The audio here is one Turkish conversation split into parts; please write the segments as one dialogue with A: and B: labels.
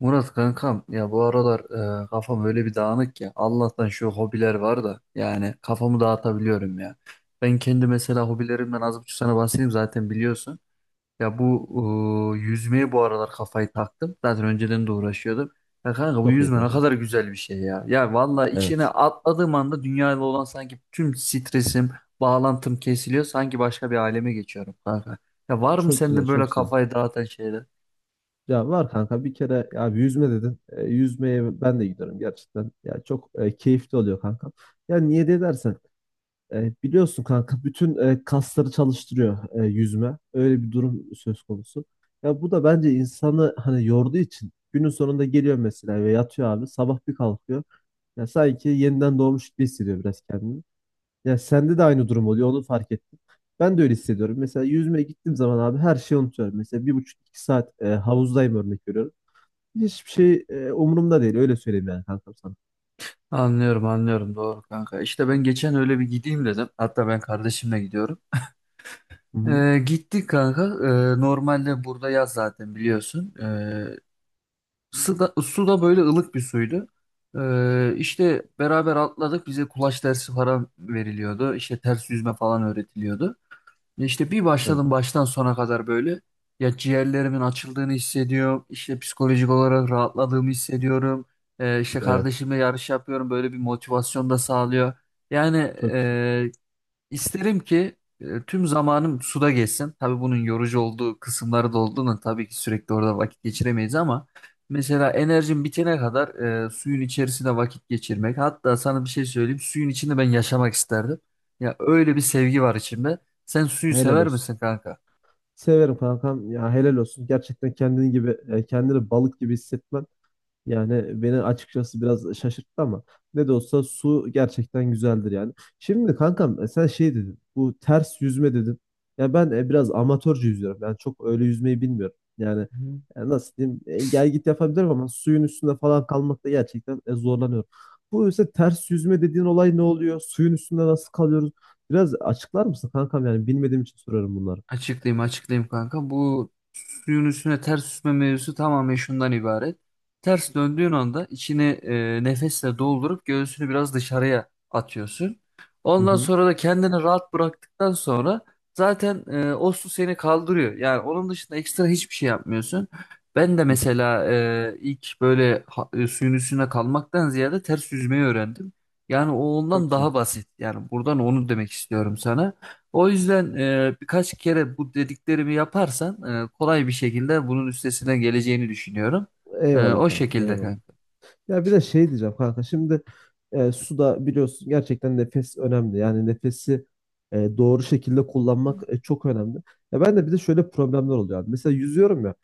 A: Murat kankam ya bu aralar kafam öyle bir dağınık ki Allah'tan şu hobiler var da yani kafamı dağıtabiliyorum ya. Ben kendi mesela hobilerimden az buçuk sana bahsedeyim zaten biliyorsun. Ya bu yüzmeye bu aralar kafayı taktım. Zaten önceden de uğraşıyordum. Ya kanka bu
B: Çok iyi
A: yüzme ne
B: kanka.
A: kadar güzel bir şey ya. Ya vallahi içine
B: Evet.
A: atladığım anda dünyayla olan sanki tüm stresim, bağlantım kesiliyor. Sanki başka bir aleme geçiyorum kanka. Ya var mı
B: Çok güzel,
A: sende
B: çok
A: böyle
B: güzel.
A: kafayı dağıtan şeyler?
B: Ya var kanka bir kere ya bir yüzme dedin. Yüzmeye ben de gidiyorum gerçekten. Ya çok keyifli oluyor kanka. Ya niye de dersen biliyorsun kanka bütün kasları çalıştırıyor yüzme. Öyle bir durum söz konusu. Ya bu da bence insanı hani yorduğu için günün sonunda geliyor mesela ve yatıyor abi sabah bir kalkıyor. Ya sanki yeniden doğmuş gibi hissediyor biraz kendini. Ya sende de aynı durum oluyor onu fark ettim. Ben de öyle hissediyorum. Mesela yüzmeye gittiğim zaman abi her şeyi unutuyorum. Mesela bir buçuk iki saat havuzdayım örnek veriyorum. Hiçbir şey umurumda değil öyle söyleyeyim yani kankam sana.
A: Anlıyorum anlıyorum doğru kanka. İşte ben geçen öyle bir gideyim dedim. Hatta ben kardeşimle gidiyorum.
B: Hı hı.
A: Gittik kanka. Normalde burada yaz zaten biliyorsun. Su da böyle ılık bir suydu. İşte beraber atladık. Bize kulaç dersi falan veriliyordu. İşte ters yüzme falan öğretiliyordu. Ya İşte bir
B: Evet,
A: başladım baştan sona kadar böyle. Ya ciğerlerimin açıldığını hissediyorum. İşte psikolojik olarak rahatladığımı hissediyorum. İşte
B: evet.
A: kardeşimle yarış yapıyorum. Böyle bir motivasyon da sağlıyor. Yani
B: Çok güzel.
A: İsterim ki tüm zamanım suda geçsin. Tabii bunun yorucu olduğu kısımları da olduğunu tabii ki sürekli orada vakit geçiremeyiz ama mesela enerjim bitene kadar suyun içerisinde vakit geçirmek. Hatta sana bir şey söyleyeyim. Suyun içinde ben yaşamak isterdim. Ya öyle bir sevgi var içimde. Sen suyu
B: Helal
A: sever
B: olsun.
A: misin kanka?
B: Severim kankam. Ya helal olsun. Gerçekten kendin gibi kendini balık gibi hissetmen. Yani beni açıkçası biraz şaşırttı ama ne de olsa su gerçekten güzeldir yani. Şimdi kankam, sen şey dedin, bu ters yüzme dedin. Ya ben biraz amatörce yüzüyorum. Yani çok öyle yüzmeyi bilmiyorum. Yani nasıl diyeyim, gel git yapabilirim ama suyun üstünde falan kalmakta gerçekten zorlanıyorum. Bu ise ters yüzme dediğin olay ne oluyor? Suyun üstünde nasıl kalıyoruz? Biraz açıklar mısın kankam yani bilmediğim için soruyorum bunları.
A: Açıklayayım açıklayayım kanka. Bu suyun üstüne ters süzme mevzusu tamamen şundan ibaret. Ters döndüğün anda içini nefesle doldurup göğsünü biraz dışarıya atıyorsun.
B: Hı
A: Ondan
B: hı.
A: sonra da kendini rahat bıraktıktan sonra zaten o su seni kaldırıyor. Yani onun dışında ekstra hiçbir şey yapmıyorsun. Ben de
B: Hı.
A: mesela ilk böyle suyun üstüne kalmaktan ziyade ters yüzmeyi öğrendim. Yani o
B: Çok
A: ondan
B: güzel.
A: daha basit. Yani buradan onu demek istiyorum sana. O yüzden birkaç kere bu dediklerimi yaparsan kolay bir şekilde bunun üstesinden geleceğini düşünüyorum.
B: Eyvallah
A: O
B: kankam
A: şekilde
B: eyvallah.
A: kanka.
B: Ya bir de şey diyeceğim kanka. Şimdi suda biliyorsun gerçekten nefes önemli. Yani nefesi doğru şekilde kullanmak çok önemli. Ya ben de bir de şöyle problemler oluyor abi. Mesela yüzüyorum ya.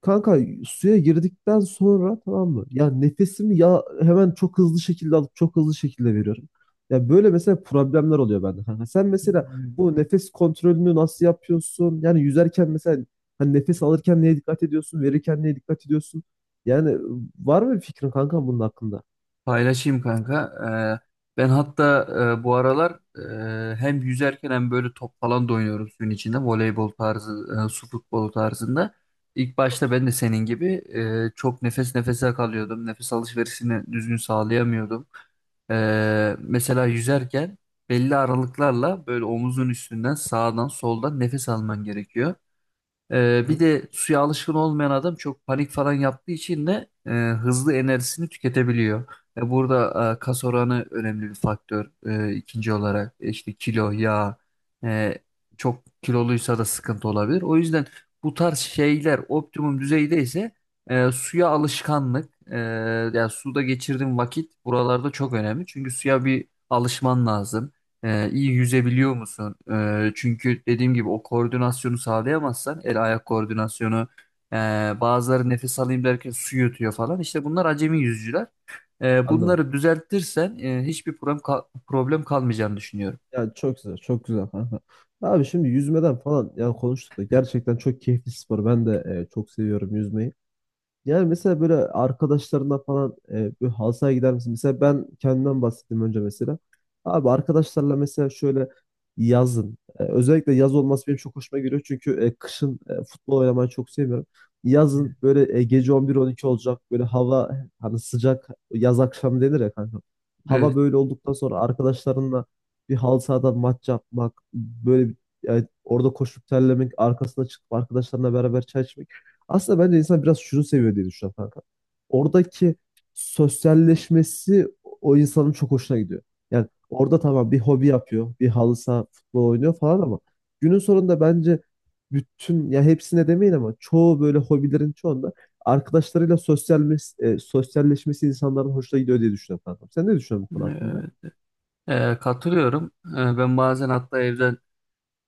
B: Kanka, suya girdikten sonra tamam mı? Ya nefesimi ya hemen çok hızlı şekilde alıp çok hızlı şekilde veriyorum. Ya böyle mesela problemler oluyor bende kanka. Sen mesela bu nefes kontrolünü nasıl yapıyorsun? Yani yüzerken mesela hani nefes alırken neye dikkat ediyorsun? Verirken neye dikkat ediyorsun? Yani var mı bir fikrin kanka bunun hakkında?
A: Paylaşayım kanka. Ben hatta bu aralar hem yüzerken hem böyle top falan da oynuyorum suyun içinde. Voleybol tarzı, su futbolu tarzında. İlk
B: Çok
A: başta
B: güzel.
A: ben de senin gibi çok nefes nefese kalıyordum. Nefes alışverişini düzgün sağlayamıyordum. Mesela yüzerken belli aralıklarla böyle omuzun üstünden sağdan soldan nefes alman gerekiyor. Bir
B: Hı,
A: de suya alışkın olmayan adam çok panik falan yaptığı için de hızlı enerjisini tüketebiliyor. Burada kas oranı önemli bir faktör. İkinci olarak işte kilo, yağ, e, çok kiloluysa da sıkıntı olabilir. O yüzden bu tarz şeyler optimum düzeydeyse suya alışkanlık, yani suda geçirdiğin vakit buralarda çok önemli. Çünkü suya bir alışman lazım. İyi yüzebiliyor musun? Çünkü dediğim gibi o koordinasyonu sağlayamazsan el ayak koordinasyonu e, bazıları nefes alayım derken su yutuyor falan. İşte bunlar acemi yüzücüler.
B: anladım.
A: Bunları düzeltirsen hiçbir problem problem kalmayacağını düşünüyorum.
B: Yani çok güzel, çok güzel kanka. Abi şimdi yüzmeden falan yani konuştuk da gerçekten çok keyifli spor. Ben de çok seviyorum yüzmeyi. Yani mesela böyle arkadaşlarına falan böyle halı sahaya gider misin? Mesela ben kendimden bahsettim önce mesela. Abi arkadaşlarla mesela şöyle yazın. Özellikle yaz olması benim çok hoşuma gidiyor. Çünkü kışın futbol oynamayı çok sevmiyorum. Yazın böyle gece 11-12 olacak. Böyle hava hani sıcak yaz akşamı denir ya kanka.
A: Evet.
B: Hava böyle olduktan sonra arkadaşlarınla bir halı sahada maç yapmak. Böyle bir, orada koşup terlemek. Arkasına çıkıp arkadaşlarına beraber çay içmek. Aslında bence insan biraz şunu seviyor diye düşünüyorum kanka. Oradaki sosyalleşmesi o insanın çok hoşuna gidiyor. Yani orada tamam bir hobi yapıyor, bir halı saha futbol oynuyor falan ama günün sonunda bence bütün ya hepsine demeyin ama çoğu böyle hobilerin çoğunda arkadaşlarıyla sosyal, sosyalleşmesi insanların hoşuna gidiyor diye düşünüyorum kankam. Sen ne düşünüyorsun bu konu hakkında?
A: Evet. Katılıyorum. Ben bazen hatta evde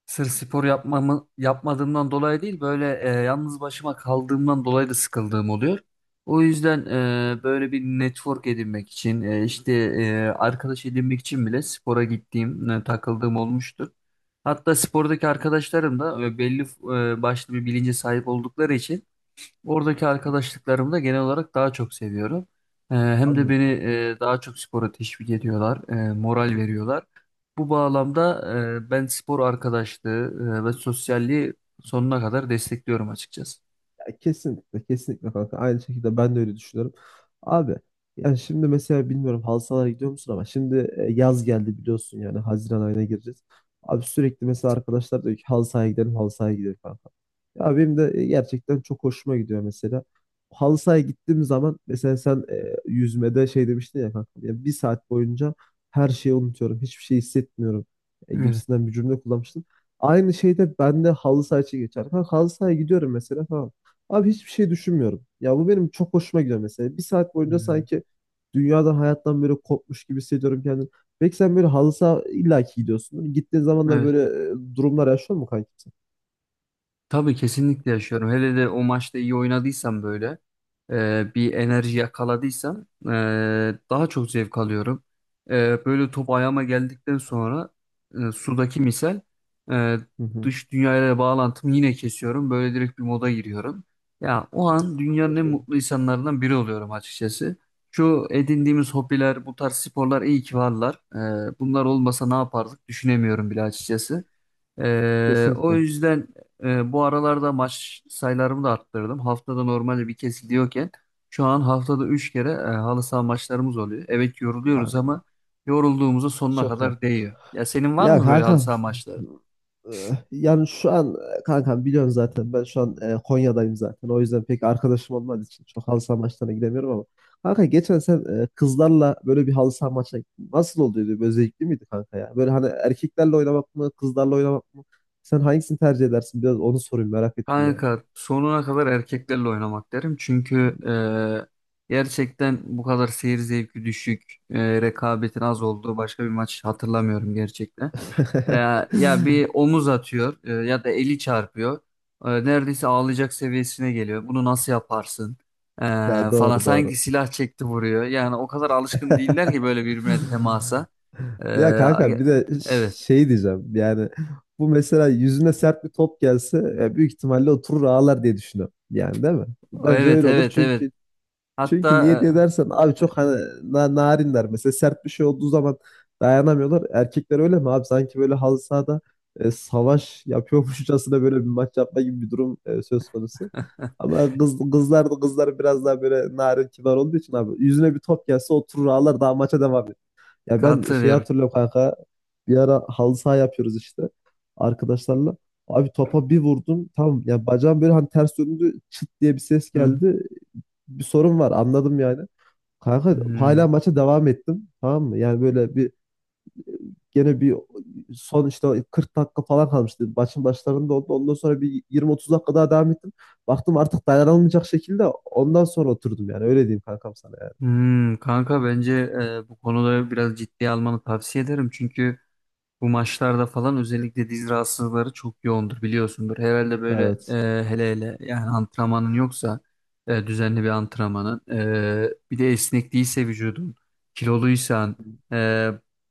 A: sırf spor yapmamı, yapmadığımdan dolayı değil böyle yalnız başıma kaldığımdan dolayı da sıkıldığım oluyor. O yüzden böyle bir network edinmek için işte arkadaş edinmek için bile spora gittiğim, takıldığım olmuştur. Hatta spordaki arkadaşlarım da belli başlı bir bilince sahip oldukları için oradaki arkadaşlıklarımı da genel olarak daha çok seviyorum. Hem de beni
B: Anladım.
A: daha çok spora teşvik ediyorlar, moral veriyorlar. Bu bağlamda ben spor arkadaşlığı ve sosyalliği sonuna kadar destekliyorum açıkçası.
B: Ya kesinlikle, kesinlikle kanka. Aynı şekilde ben de öyle düşünüyorum. Abi, yani şimdi mesela bilmiyorum halı sahalara gidiyor musun ama şimdi yaz geldi biliyorsun yani Haziran ayına gireceğiz. Abi sürekli mesela arkadaşlar diyor ki halı sahaya gidelim, halı sahaya gidelim kanka. Ya benim de gerçekten çok hoşuma gidiyor mesela. Halı sahaya gittiğim zaman mesela sen yüzmede şey demiştin ya kanka. Ya bir saat boyunca her şeyi unutuyorum, hiçbir şey hissetmiyorum
A: Evet.
B: gibisinden bir cümle kullanmıştın. Aynı şeyde ben de halı saha için geçer. Kanka halı sahaya gidiyorum mesela tamam. Abi hiçbir şey düşünmüyorum. Ya bu benim çok hoşuma gidiyor mesela. Bir saat boyunca
A: Hmm.
B: sanki dünyadan hayattan böyle kopmuş gibi hissediyorum kendimi. Belki sen böyle halı saha illaki gidiyorsun. Gittiğin zamanlar
A: Evet.
B: böyle durumlar yaşıyor mu kanki? Sen?
A: Tabii kesinlikle yaşıyorum. Hele de o maçta iyi oynadıysam böyle bir enerji yakaladıysam daha çok zevk alıyorum. Böyle top ayağıma geldikten sonra sudaki misal e,
B: Hı hı.
A: dış dünyayla bağlantımı yine kesiyorum. Böyle direkt bir moda giriyorum. Ya o an dünyanın
B: Çok
A: en
B: iyi.
A: mutlu insanlarından biri oluyorum açıkçası. Şu edindiğimiz hobiler, bu tarz sporlar iyi ki varlar. Bunlar olmasa ne yapardık düşünemiyorum bile açıkçası. O
B: Kesinlikle.
A: yüzden bu aralarda maç sayılarımı da arttırdım. Haftada normalde bir kez gidiyorken şu an haftada 3 kere halı saha maçlarımız oluyor. Evet yoruluyoruz
B: Kankam.
A: ama yorulduğumuzu sonuna
B: Çok iyi.
A: kadar değiyor. Ya senin var
B: Ya
A: mı böyle halı
B: kankam.
A: saha maçları?
B: Ee, Yani şu an, kankam biliyorsun zaten ben şu an Konya'dayım zaten. O yüzden pek arkadaşım olmadığı için çok halı saha maçlarına gidemiyorum ama. Kanka geçen sen kızlarla böyle bir halı saha maçına gittin. Nasıl oluyordu? Böyle zevkli miydi kanka ya? Böyle hani erkeklerle oynamak mı, kızlarla oynamak mı? Sen hangisini tercih edersin? Biraz onu sorayım merak ettim yani.
A: Kanka sonuna kadar erkeklerle oynamak derim. Çünkü gerçekten bu kadar seyir zevki düşük, rekabetin az olduğu başka bir maç hatırlamıyorum gerçekten. E, Ya bir omuz atıyor ya da eli çarpıyor. Neredeyse ağlayacak seviyesine geliyor. Bunu nasıl yaparsın? E,
B: Ya
A: Falan
B: doğru
A: sanki
B: doğru.
A: silah çekti vuruyor. Yani o kadar alışkın değiller ki böyle birbirine temasa. E,
B: Ya kanka bir de
A: evet.
B: şey diyeceğim yani bu mesela yüzüne sert bir top gelse büyük ihtimalle oturur ağlar diye düşünüyorum. Yani değil mi? Bence
A: Evet
B: öyle olur
A: evet evet.
B: çünkü çünkü
A: Hatta
B: niye diye dersen abi çok hani narinler mesela sert bir şey olduğu zaman dayanamıyorlar. Erkekler öyle mi abi sanki böyle halı sahada savaş yapıyormuşçasına böyle bir maç yapma gibi bir durum söz konusu. Ama kızlar biraz daha böyle narin kibar olduğu için abi yüzüne bir top gelse oturur ağlar daha maça devam. Ya ben şeyi
A: katılıyorum.
B: hatırlıyorum kanka. Bir ara halı saha yapıyoruz işte arkadaşlarla. Abi topa bir vurdum. Tamam ya bacağım böyle hani ters döndü. Çıt diye bir ses
A: Hı.
B: geldi. Bir sorun var anladım yani. Kanka hala
A: Hmm.
B: maça devam ettim. Tamam mı? Yani böyle bir gene bir son işte o 40 dakika falan kalmıştı. Maçın başlarında oldu. Ondan sonra bir 20-30 dakika daha devam ettim. Baktım artık dayanılmayacak şekilde ondan sonra oturdum yani. Öyle diyeyim kankam sana yani.
A: Hmm, kanka bence bu konuda biraz ciddiye almanı tavsiye ederim. Çünkü bu maçlarda falan özellikle diz rahatsızlıkları çok yoğundur biliyorsundur. Herhalde böyle
B: Evet.
A: hele hele yani antrenmanın yoksa düzenli bir antrenmanın bir de esnek değilse vücudun kiloluysan e,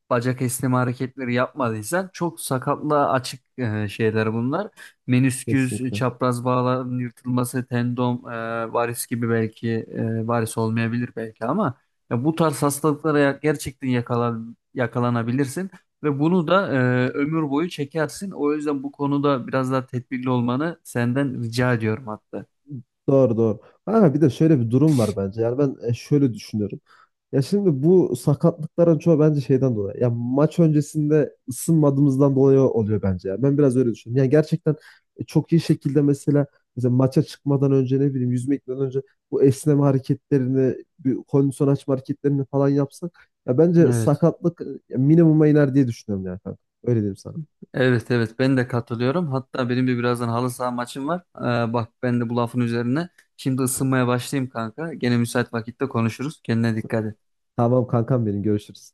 A: bacak esneme hareketleri yapmadıysan çok sakatlığa açık şeyler bunlar. Menisküs,
B: Kesinlikle.
A: çapraz bağların yırtılması, tendon, varis gibi belki varis olmayabilir belki ama ya bu tarz hastalıklara gerçekten yakalanabilirsin. Ve bunu da ömür boyu çekersin. O yüzden bu konuda biraz daha tedbirli olmanı senden rica ediyorum hatta.
B: Doğru doğru. Ama bir de şöyle bir durum var bence. Yani ben şöyle düşünüyorum. Ya şimdi bu sakatlıkların çoğu bence şeyden dolayı. Ya maç öncesinde ısınmadığımızdan dolayı oluyor bence. Ya. Ben biraz öyle düşünüyorum. Yani gerçekten çok iyi şekilde mesela, mesela maça çıkmadan önce ne bileyim yüzme gitmeden önce bu esneme hareketlerini, bir kondisyon açma hareketlerini falan yapsak ya bence
A: Evet.
B: sakatlık minimuma iner diye düşünüyorum yani kanka. Öyle diyeyim sana.
A: Evet, evet, ben de katılıyorum. Hatta benim de birazdan halı saha maçım var. Bak ben de bu lafın üzerine. Şimdi ısınmaya başlayayım kanka. Gene müsait vakitte konuşuruz. Kendine dikkat et.
B: Tamam kankam benim görüşürüz.